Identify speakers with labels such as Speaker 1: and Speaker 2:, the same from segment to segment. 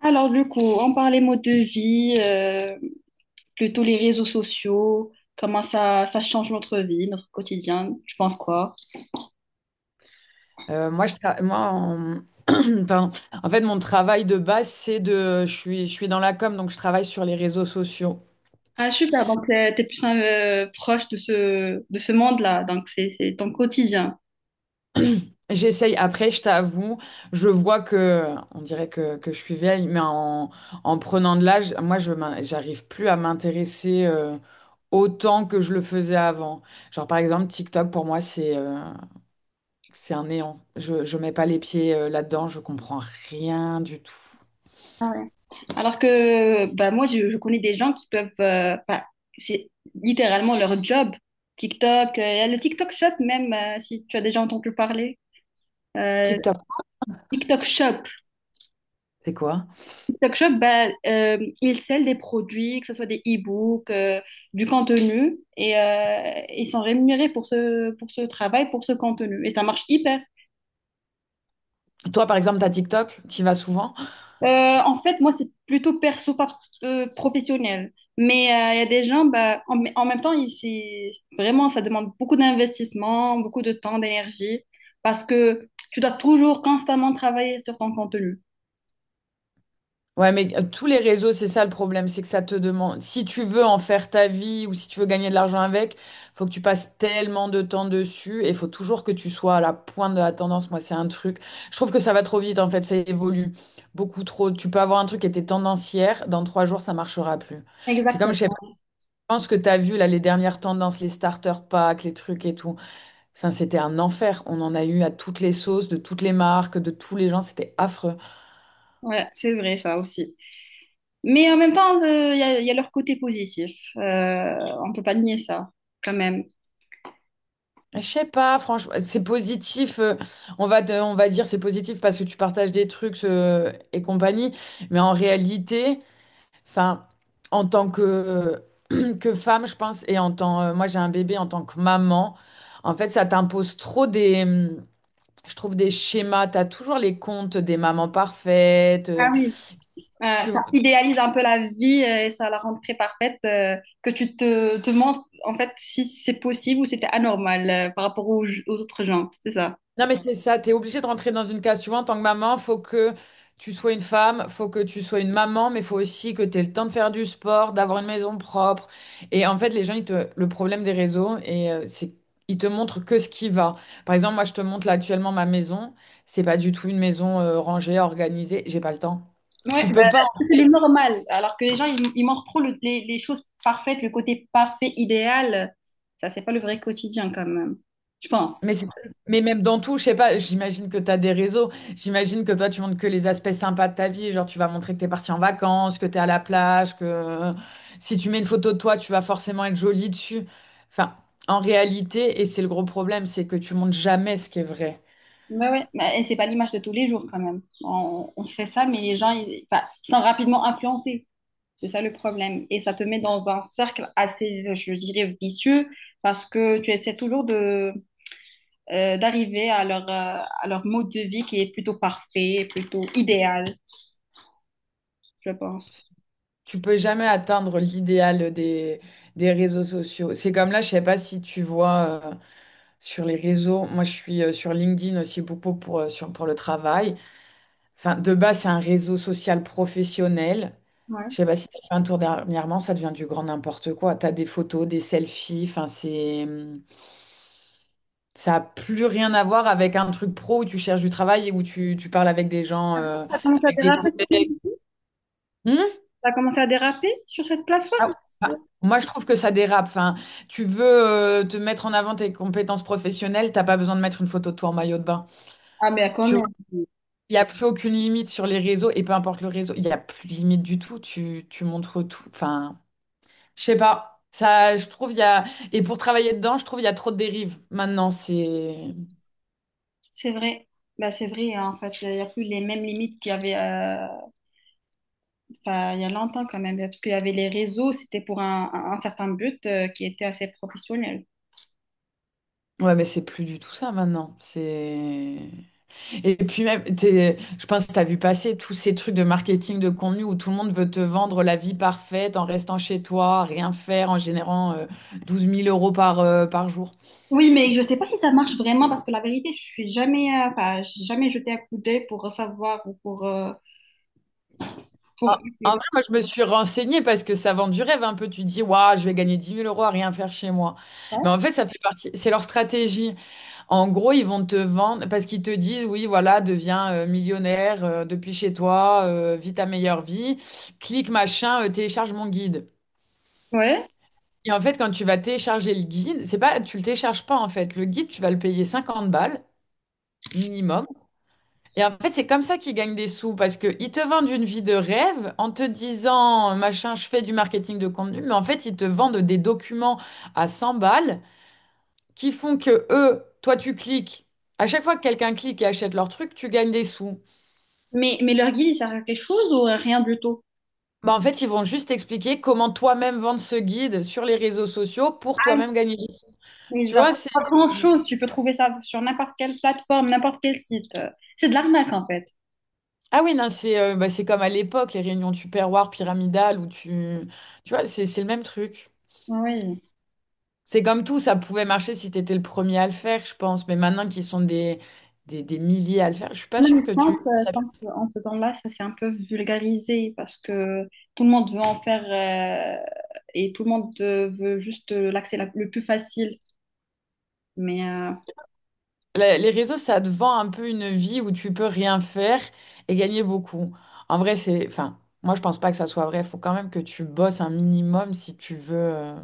Speaker 1: Alors, du coup, on parlait mode de vie, plutôt les réseaux sociaux, comment ça, ça change notre vie, notre quotidien, tu penses quoi?
Speaker 2: Moi, je tra- moi en... pardon. En fait, mon travail de base, c'est de... je suis dans la com, donc je travaille sur les réseaux sociaux.
Speaker 1: Ah, super, donc t'es plus proche de ce monde-là, donc c'est ton quotidien.
Speaker 2: J'essaye, après, je t'avoue, je vois que, on dirait que je suis vieille, mais en prenant de l'âge, moi, j'arrive plus à m'intéresser autant que je le faisais avant. Genre, par exemple, TikTok, pour moi, c'est un néant. Je mets pas les pieds là-dedans, je comprends rien du tout.
Speaker 1: Ah ouais. Alors que bah, moi, je connais des gens qui peuvent, bah, c'est littéralement leur job, TikTok, il y a le TikTok Shop même, si tu as déjà entendu parler. Euh,
Speaker 2: TikTok,
Speaker 1: TikTok Shop,
Speaker 2: c'est quoi?
Speaker 1: TikTok Shop, bah, ils scellent des produits, que ce soit des e-books, du contenu, et ils sont rémunérés pour ce travail, pour ce contenu. Et ça marche hyper.
Speaker 2: Toi, par exemple, t'as TikTok, t'y vas souvent?
Speaker 1: Euh, En fait, moi, c'est plutôt perso, pas professionnel. Mais il y a des gens, bah, en même temps, c'est vraiment, ça demande beaucoup d'investissement, beaucoup de temps, d'énergie, parce que tu dois toujours constamment travailler sur ton contenu.
Speaker 2: Ouais, mais tous les réseaux, c'est ça le problème, c'est que ça te demande, si tu veux en faire ta vie ou si tu veux gagner de l'argent avec, faut que tu passes tellement de temps dessus et faut toujours que tu sois à la pointe de la tendance. Moi, c'est un truc. Je trouve que ça va trop vite, en fait, ça évolue beaucoup trop. Tu peux avoir un truc qui était tendance hier, dans 3 jours, ça marchera plus. C'est comme, je sais pas,
Speaker 1: Exactement.
Speaker 2: je pense que tu as vu là les dernières tendances, les starter packs, les trucs et tout. Enfin, c'était un enfer. On en a eu à toutes les sauces, de toutes les marques, de tous les gens, c'était affreux.
Speaker 1: Ouais, c'est vrai, ça aussi. Mais en même temps, il y a leur côté positif. Euh, on peut pas nier ça, quand même.
Speaker 2: Je sais pas, franchement, c'est positif. On va dire c'est positif parce que tu partages des trucs et compagnie. Mais en réalité, enfin, en tant que femme, je pense, et en tant, moi j'ai un bébé en tant que maman, en fait, ça t'impose trop des, je trouve des schémas. T'as toujours les comptes des mamans parfaites.
Speaker 1: Ah oui.
Speaker 2: Tu,
Speaker 1: Ça idéalise un peu la vie et ça la rend très parfaite, que tu te demandes en fait si c'est possible ou si c'était anormal par rapport aux autres gens, c'est ça.
Speaker 2: Non, mais c'est ça, t'es obligée de rentrer dans une case. Tu vois, en tant que maman, faut que tu sois une femme, faut que tu sois une maman, mais faut aussi que tu aies le temps de faire du sport, d'avoir une maison propre. Et en fait, les gens, ils te... le problème des réseaux, c'est ils te montrent que ce qui va. Par exemple, moi, je te montre là actuellement ma maison. C'est pas du tout une maison rangée, organisée. J'ai pas le temps.
Speaker 1: Ouais.
Speaker 2: Tu peux pas.
Speaker 1: Si c'est le normal, alors que les gens, ils montrent trop les choses parfaites, le côté parfait, idéal. Ça, c'est pas le vrai quotidien quand même, je pense.
Speaker 2: Mais, c'est- mais même dans tout, je sais pas, j'imagine que tu as des réseaux, j'imagine que toi tu montres que les aspects sympas de ta vie, genre tu vas montrer que tu es parti en vacances, que tu es à la plage, que si tu mets une photo de toi, tu vas forcément être jolie dessus. Enfin, en réalité, et c'est le gros problème, c'est que tu montres jamais ce qui est vrai.
Speaker 1: Ouais, ouais. Mais et c'est pas l'image de tous les jours quand même. On sait ça, mais les gens, ils, enfin, ils sont rapidement influencés. C'est ça le problème. Et ça te met dans un cercle assez, je dirais, vicieux parce que tu essaies toujours d'arriver à à leur mode de vie qui est plutôt parfait, plutôt idéal, je pense.
Speaker 2: Tu peux jamais atteindre l'idéal des réseaux sociaux. C'est comme là, je sais pas si tu vois sur les réseaux, moi je suis sur LinkedIn aussi beaucoup pour, pour le travail. Enfin, de base, c'est un réseau social professionnel.
Speaker 1: Ouais.
Speaker 2: Je sais pas si tu as fait un tour dernièrement, ça devient du grand n'importe quoi. Tu as des photos, des selfies, enfin, ça n'a plus rien à voir avec un truc pro où tu cherches du travail et où tu parles avec des gens,
Speaker 1: Ça commence à
Speaker 2: avec des
Speaker 1: déraper sur,
Speaker 2: collègues. Hmm.
Speaker 1: ça commence à déraper sur cette plateforme.
Speaker 2: Ah, ah, moi, je trouve que ça dérape. Enfin, tu veux te mettre en avant tes compétences professionnelles, t'as pas besoin de mettre une photo de toi en maillot de bain.
Speaker 1: Ah, mais quand
Speaker 2: Tu vois,
Speaker 1: même.
Speaker 2: il n'y a plus aucune limite sur les réseaux et peu importe le réseau, il n'y a plus de limite du tout. Tu montres tout. Enfin... Je sais pas. Ça, je trouve, il y a... Et pour travailler dedans, je trouve, il y a trop de dérives. Maintenant, c'est...
Speaker 1: C'est vrai. Bah, c'est vrai, hein, en fait. Il n'y a plus les mêmes limites qu'il y avait. Euh, enfin, il y a longtemps quand même, parce qu'il y avait les réseaux, c'était pour un certain but qui était assez professionnel.
Speaker 2: Ouais, mais c'est plus du tout ça, maintenant. C'est... Et puis même, je pense que t'as vu passer tous ces trucs de marketing de contenu où tout le monde veut te vendre la vie parfaite en restant chez toi, à rien faire, en générant 12 000 euros par jour.
Speaker 1: Oui, mais je sais pas si ça marche vraiment, parce que la vérité, je suis jamais, enfin, j'ai jamais jeté un coup d'œil pour savoir ou pour essayer
Speaker 2: En
Speaker 1: de
Speaker 2: vrai, moi, je me suis renseignée parce que ça vend du rêve un peu. Tu te dis, waouh, je vais gagner 10 000 € à rien faire chez moi. Mais
Speaker 1: faire.
Speaker 2: en fait, ça fait partie... C'est leur stratégie. En gros, ils vont te vendre parce qu'ils te disent, oui, voilà, deviens millionnaire depuis chez toi, vis ta meilleure vie, clique machin, télécharge mon guide.
Speaker 1: Ouais.
Speaker 2: Et en fait, quand tu vas télécharger le guide, c'est pas, tu le télécharges pas en fait. Le guide, tu vas le payer 50 balles minimum. Et en fait, c'est comme ça qu'ils gagnent des sous parce qu'ils te vendent une vie de rêve en te disant, machin, je fais du marketing de contenu, mais en fait, ils te vendent des documents à 100 balles qui font que eux, toi tu cliques, à chaque fois que quelqu'un clique et achète leur truc, tu gagnes des sous.
Speaker 1: Mais leur guide, il sert à quelque chose ou rien du tout?
Speaker 2: Bah en fait, ils vont juste expliquer comment toi-même vendre ce guide sur les réseaux sociaux pour
Speaker 1: Ah,
Speaker 2: toi-même gagner des sous.
Speaker 1: mais
Speaker 2: Tu
Speaker 1: genre,
Speaker 2: vois, c'est...
Speaker 1: pas grand-chose, tu peux trouver ça sur n'importe quelle plateforme, n'importe quel site. C'est de l'arnaque en fait.
Speaker 2: Ah oui, non, c'est bah, c'est comme à l'époque, les réunions Tupperware pyramidales où tu... Tu vois, c'est le même truc.
Speaker 1: Oui.
Speaker 2: C'est comme tout, ça pouvait marcher si t'étais le premier à le faire, je pense. Mais maintenant qu'ils sont des milliers à le faire, je suis pas
Speaker 1: En
Speaker 2: sûre
Speaker 1: même
Speaker 2: que
Speaker 1: temps,
Speaker 2: tu...
Speaker 1: ça- je pense qu'en ce temps-là, ça s'est un peu vulgarisé parce que tout le monde veut en faire euh, et tout le monde veut juste le plus facile. Mais
Speaker 2: Les réseaux, ça te vend un peu une vie où tu peux rien faire et gagner beaucoup. En vrai, c'est, enfin, moi, je pense pas que ça soit vrai. Faut quand même que tu bosses un minimum si tu veux. euh,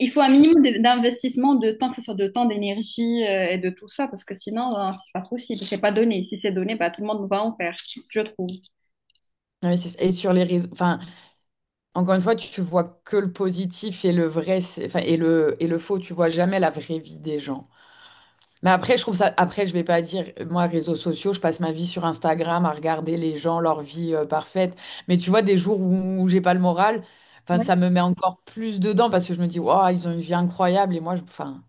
Speaker 1: il faut un minimum d'investissement de temps, que ce soit de temps, d'énergie et de tout ça, parce que sinon, c'est pas possible, c'est pas donné. Si c'est donné, bah, tout le monde va en faire, je trouve.
Speaker 2: investir. Et sur les réseaux, enfin, encore une fois, tu vois que le positif et le vrai, enfin, et le faux. Tu vois jamais la vraie vie des gens. Mais après, je trouve ça. Après, je vais pas dire, moi, réseaux sociaux, je passe ma vie sur Instagram à regarder les gens, leur vie parfaite. Mais tu vois, des jours où j'ai pas le moral, enfin,
Speaker 1: Ouais.
Speaker 2: ça me met encore plus dedans parce que je me dis, waouh, ils ont une vie incroyable et moi, enfin,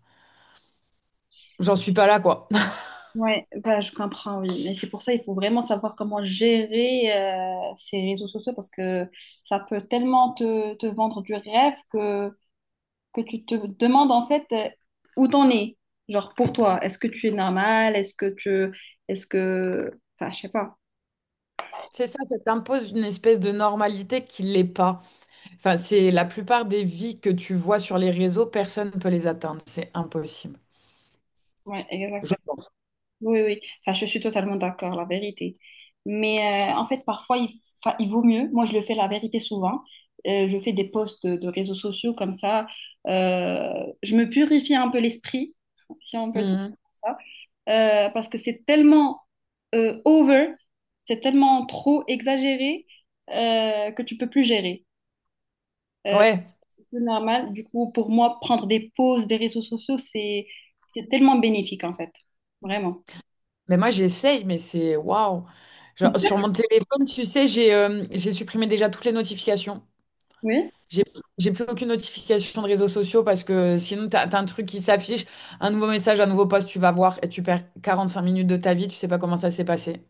Speaker 2: j'en suis pas là, quoi.
Speaker 1: Ouais, bah, je comprends, oui. Et c'est pour ça il faut vraiment savoir comment gérer ces réseaux sociaux parce que ça peut tellement te vendre du rêve que tu te demandes en fait où t'en es. Genre pour toi, est-ce que tu es normal? Est-ce que tu... Est-ce que... Enfin, je sais pas.
Speaker 2: C'est ça, ça t'impose une espèce de normalité qui l'est pas. Enfin, c'est la plupart des vies que tu vois sur les réseaux, personne ne peut les atteindre. C'est impossible.
Speaker 1: Ouais,
Speaker 2: Je pense.
Speaker 1: oui, oui. Enfin, je suis totalement d'accord, la vérité. Mais en fait, parfois, il vaut mieux. Moi, je le fais la vérité souvent. Je fais des posts de réseaux sociaux comme ça. Je me purifie un peu l'esprit, si on peut dire
Speaker 2: Mhm.
Speaker 1: ça. Parce que c'est tellement over, c'est tellement trop exagéré que tu peux plus gérer. Euh,
Speaker 2: Ouais.
Speaker 1: c'est plus normal. Du coup, pour moi, prendre des pauses des réseaux sociaux, c'est tellement bénéfique, en fait. Vraiment.
Speaker 2: Mais moi, j'essaye, mais c'est waouh. Genre, sur mon téléphone, tu sais, j'ai supprimé déjà toutes les notifications.
Speaker 1: Oui.
Speaker 2: J'ai j'ai plus aucune notification de réseaux sociaux parce que sinon, t'as un truc qui s'affiche, un nouveau message, un nouveau post, tu vas voir et tu perds 45 minutes de ta vie, tu sais pas comment ça s'est passé.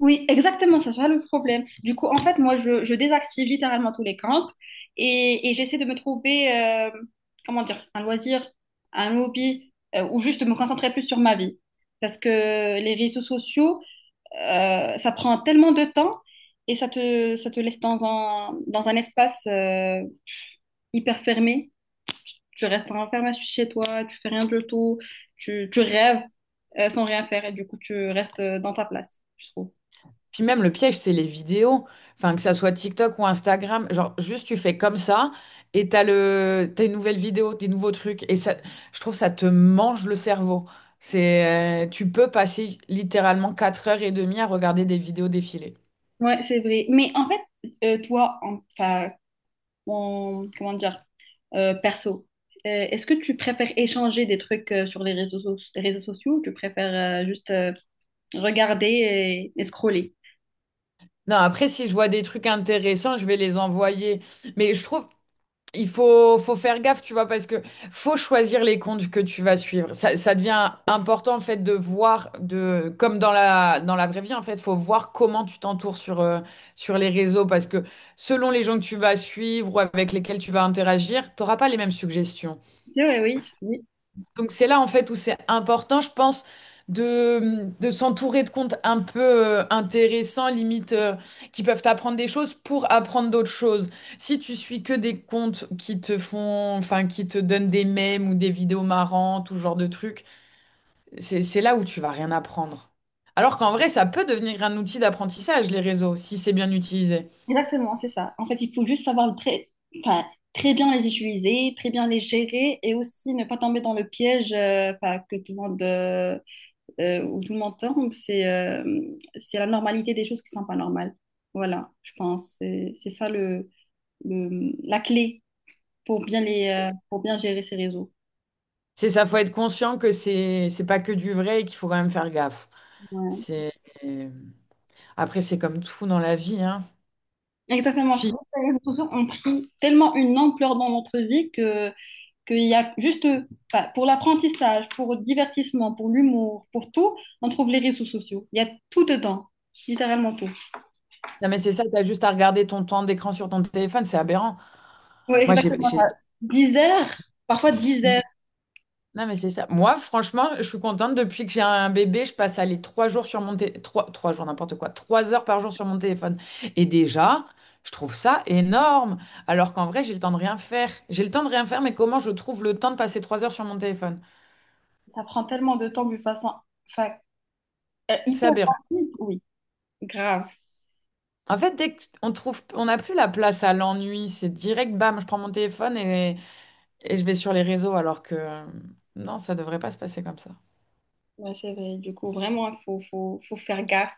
Speaker 1: Oui, exactement, c'est ça le problème. Du coup, en fait, moi, je désactive littéralement tous les comptes et j'essaie de me trouver, comment dire, un loisir, un hobby ou juste de me concentrer plus sur ma vie. Parce que les réseaux sociaux, ça prend tellement de temps et ça te laisse dans dans un espace hyper fermé. Tu restes enfermé chez toi, tu fais rien du tout, tu rêves sans rien faire et du coup, tu restes dans ta place, je trouve.
Speaker 2: Puis même le piège, c'est les vidéos. Enfin, que ça soit TikTok ou Instagram, genre juste tu fais comme ça et t'as une nouvelle vidéo, des nouveaux trucs. Et ça, je trouve ça te mange le cerveau. Tu peux passer littéralement 4 heures et demie à regarder des vidéos défiler.
Speaker 1: Ouais, c'est vrai. Mais en fait, enfin, comment dire, perso, est-ce que tu préfères échanger des trucs sur les réseaux sociaux ou tu préfères juste regarder et scroller?
Speaker 2: Non, après, si je vois des trucs intéressants, je vais les envoyer. Mais je trouve, il faut faire gaffe, tu vois, parce que faut choisir les comptes que tu vas suivre. Ça devient important, en fait, de voir, comme dans la vraie vie, en fait, faut voir comment tu t'entoures sur les réseaux, parce que selon les gens que tu vas suivre ou avec lesquels tu vas interagir, t'auras pas les mêmes suggestions.
Speaker 1: Oui, oui, oui,
Speaker 2: Donc c'est là en fait où c'est important, je pense, de s'entourer de comptes un peu intéressants, limite, qui peuvent t'apprendre des choses pour apprendre d'autres choses. Si tu suis que des comptes qui te font, enfin, qui te donnent des mèmes ou des vidéos marrantes ou ce genre de trucs, c'est là où tu vas rien apprendre. Alors qu'en vrai, ça peut devenir un outil d'apprentissage, les réseaux, si c'est bien utilisé.
Speaker 1: exactement, c'est ça. En fait, il faut juste savoir très, enfin, très bien les utiliser, très bien les gérer et aussi ne pas tomber dans le piège enfin, que tout le monde où tout le monde tombe, c'est la normalité des choses qui sont pas normales. Voilà, je pense. C'est ça la clé pour bien, pour bien gérer ces réseaux.
Speaker 2: C'est ça, faut être conscient que c'est pas que du vrai et qu'il faut quand même faire gaffe.
Speaker 1: Ouais.
Speaker 2: C'est... Après, c'est comme tout dans la vie, hein.
Speaker 1: Exactement. Sur
Speaker 2: Puis,
Speaker 1: les réseaux sociaux ont pris tellement une ampleur dans notre vie que qu'il y a juste eux. Enfin, pour l'apprentissage, pour le divertissement, pour l'humour, pour tout, on trouve les réseaux sociaux. Il y a tout dedans, littéralement tout.
Speaker 2: non, mais c'est ça, t'as juste à regarder ton temps d'écran sur ton téléphone, c'est aberrant.
Speaker 1: Oui,
Speaker 2: Moi, j'ai,
Speaker 1: exactement.
Speaker 2: j'ai-
Speaker 1: 10 heures, parfois 10 heures.
Speaker 2: Non, mais c'est ça. Moi, franchement, je suis contente. Depuis que j'ai un bébé, je passe à les 3 jours sur mon téléphone. Trois, trois jours, n'importe quoi. 3 heures par jour sur mon téléphone. Et déjà, je trouve ça énorme. Alors qu'en vrai, j'ai le temps de rien faire. J'ai le temps de rien faire, mais comment je trouve le temps de passer 3 heures sur mon téléphone?
Speaker 1: Ça prend tellement de temps de façon, enfin, euh,
Speaker 2: C'est
Speaker 1: hyper
Speaker 2: aberrant.
Speaker 1: rapide, oui, grave.
Speaker 2: En fait, dès qu'on trouve, on n'a plus la place à l'ennui, c'est direct, bam, je prends mon téléphone et je vais sur les réseaux, alors que non, ça devrait pas se passer comme ça.
Speaker 1: Ouais, c'est vrai. Du coup, vraiment, faut faire gaffe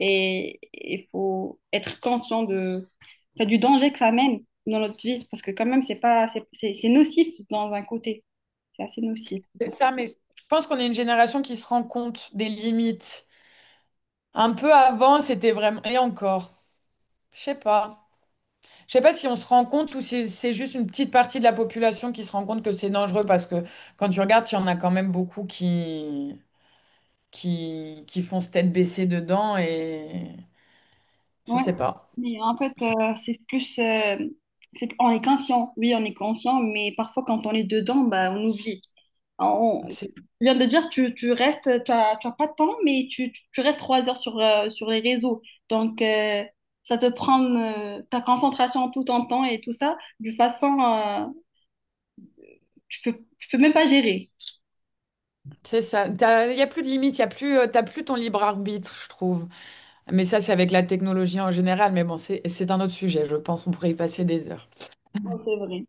Speaker 1: et il faut être conscient de, enfin, du danger que ça amène dans notre vie. Parce que quand même, c'est pas, c'est nocif dans un côté. C'est assez nocif.
Speaker 2: C'est ça, mais je pense qu'on est une génération qui se rend compte des limites. Un peu avant, c'était vraiment... Et encore, je sais pas. Je sais pas si on se rend compte ou si c'est juste une petite partie de la population qui se rend compte que c'est dangereux parce que quand tu regardes, il y en a quand même beaucoup qui font se tête baissée dedans et je
Speaker 1: Ouais.
Speaker 2: sais pas.
Speaker 1: Mais en fait, c'est plus... c'est, on est conscient, oui, on est conscient, mais parfois quand on est dedans, bah, on oublie. On-
Speaker 2: C'est
Speaker 1: tu viens de dire, tu as pas de temps, mais tu restes 3 heures sur, sur les réseaux. Donc, ça te prend ta concentration tout en temps et tout ça, de façon, tu peux même pas gérer.
Speaker 2: c'est ça. Il y a plus de limites, il y a plus, t'as plus ton libre arbitre, je trouve. Mais ça, c'est avec la technologie en général. Mais bon, c'est un autre sujet. Je pense qu'on pourrait y passer des heures.
Speaker 1: Non, c'est vrai.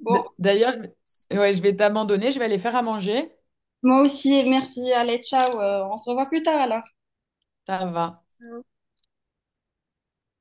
Speaker 1: Bon,
Speaker 2: D'ailleurs, je ouais, je vais t'abandonner, je vais aller faire à manger.
Speaker 1: moi aussi, merci, allez, ciao, on se revoit plus tard alors.
Speaker 2: Ça va.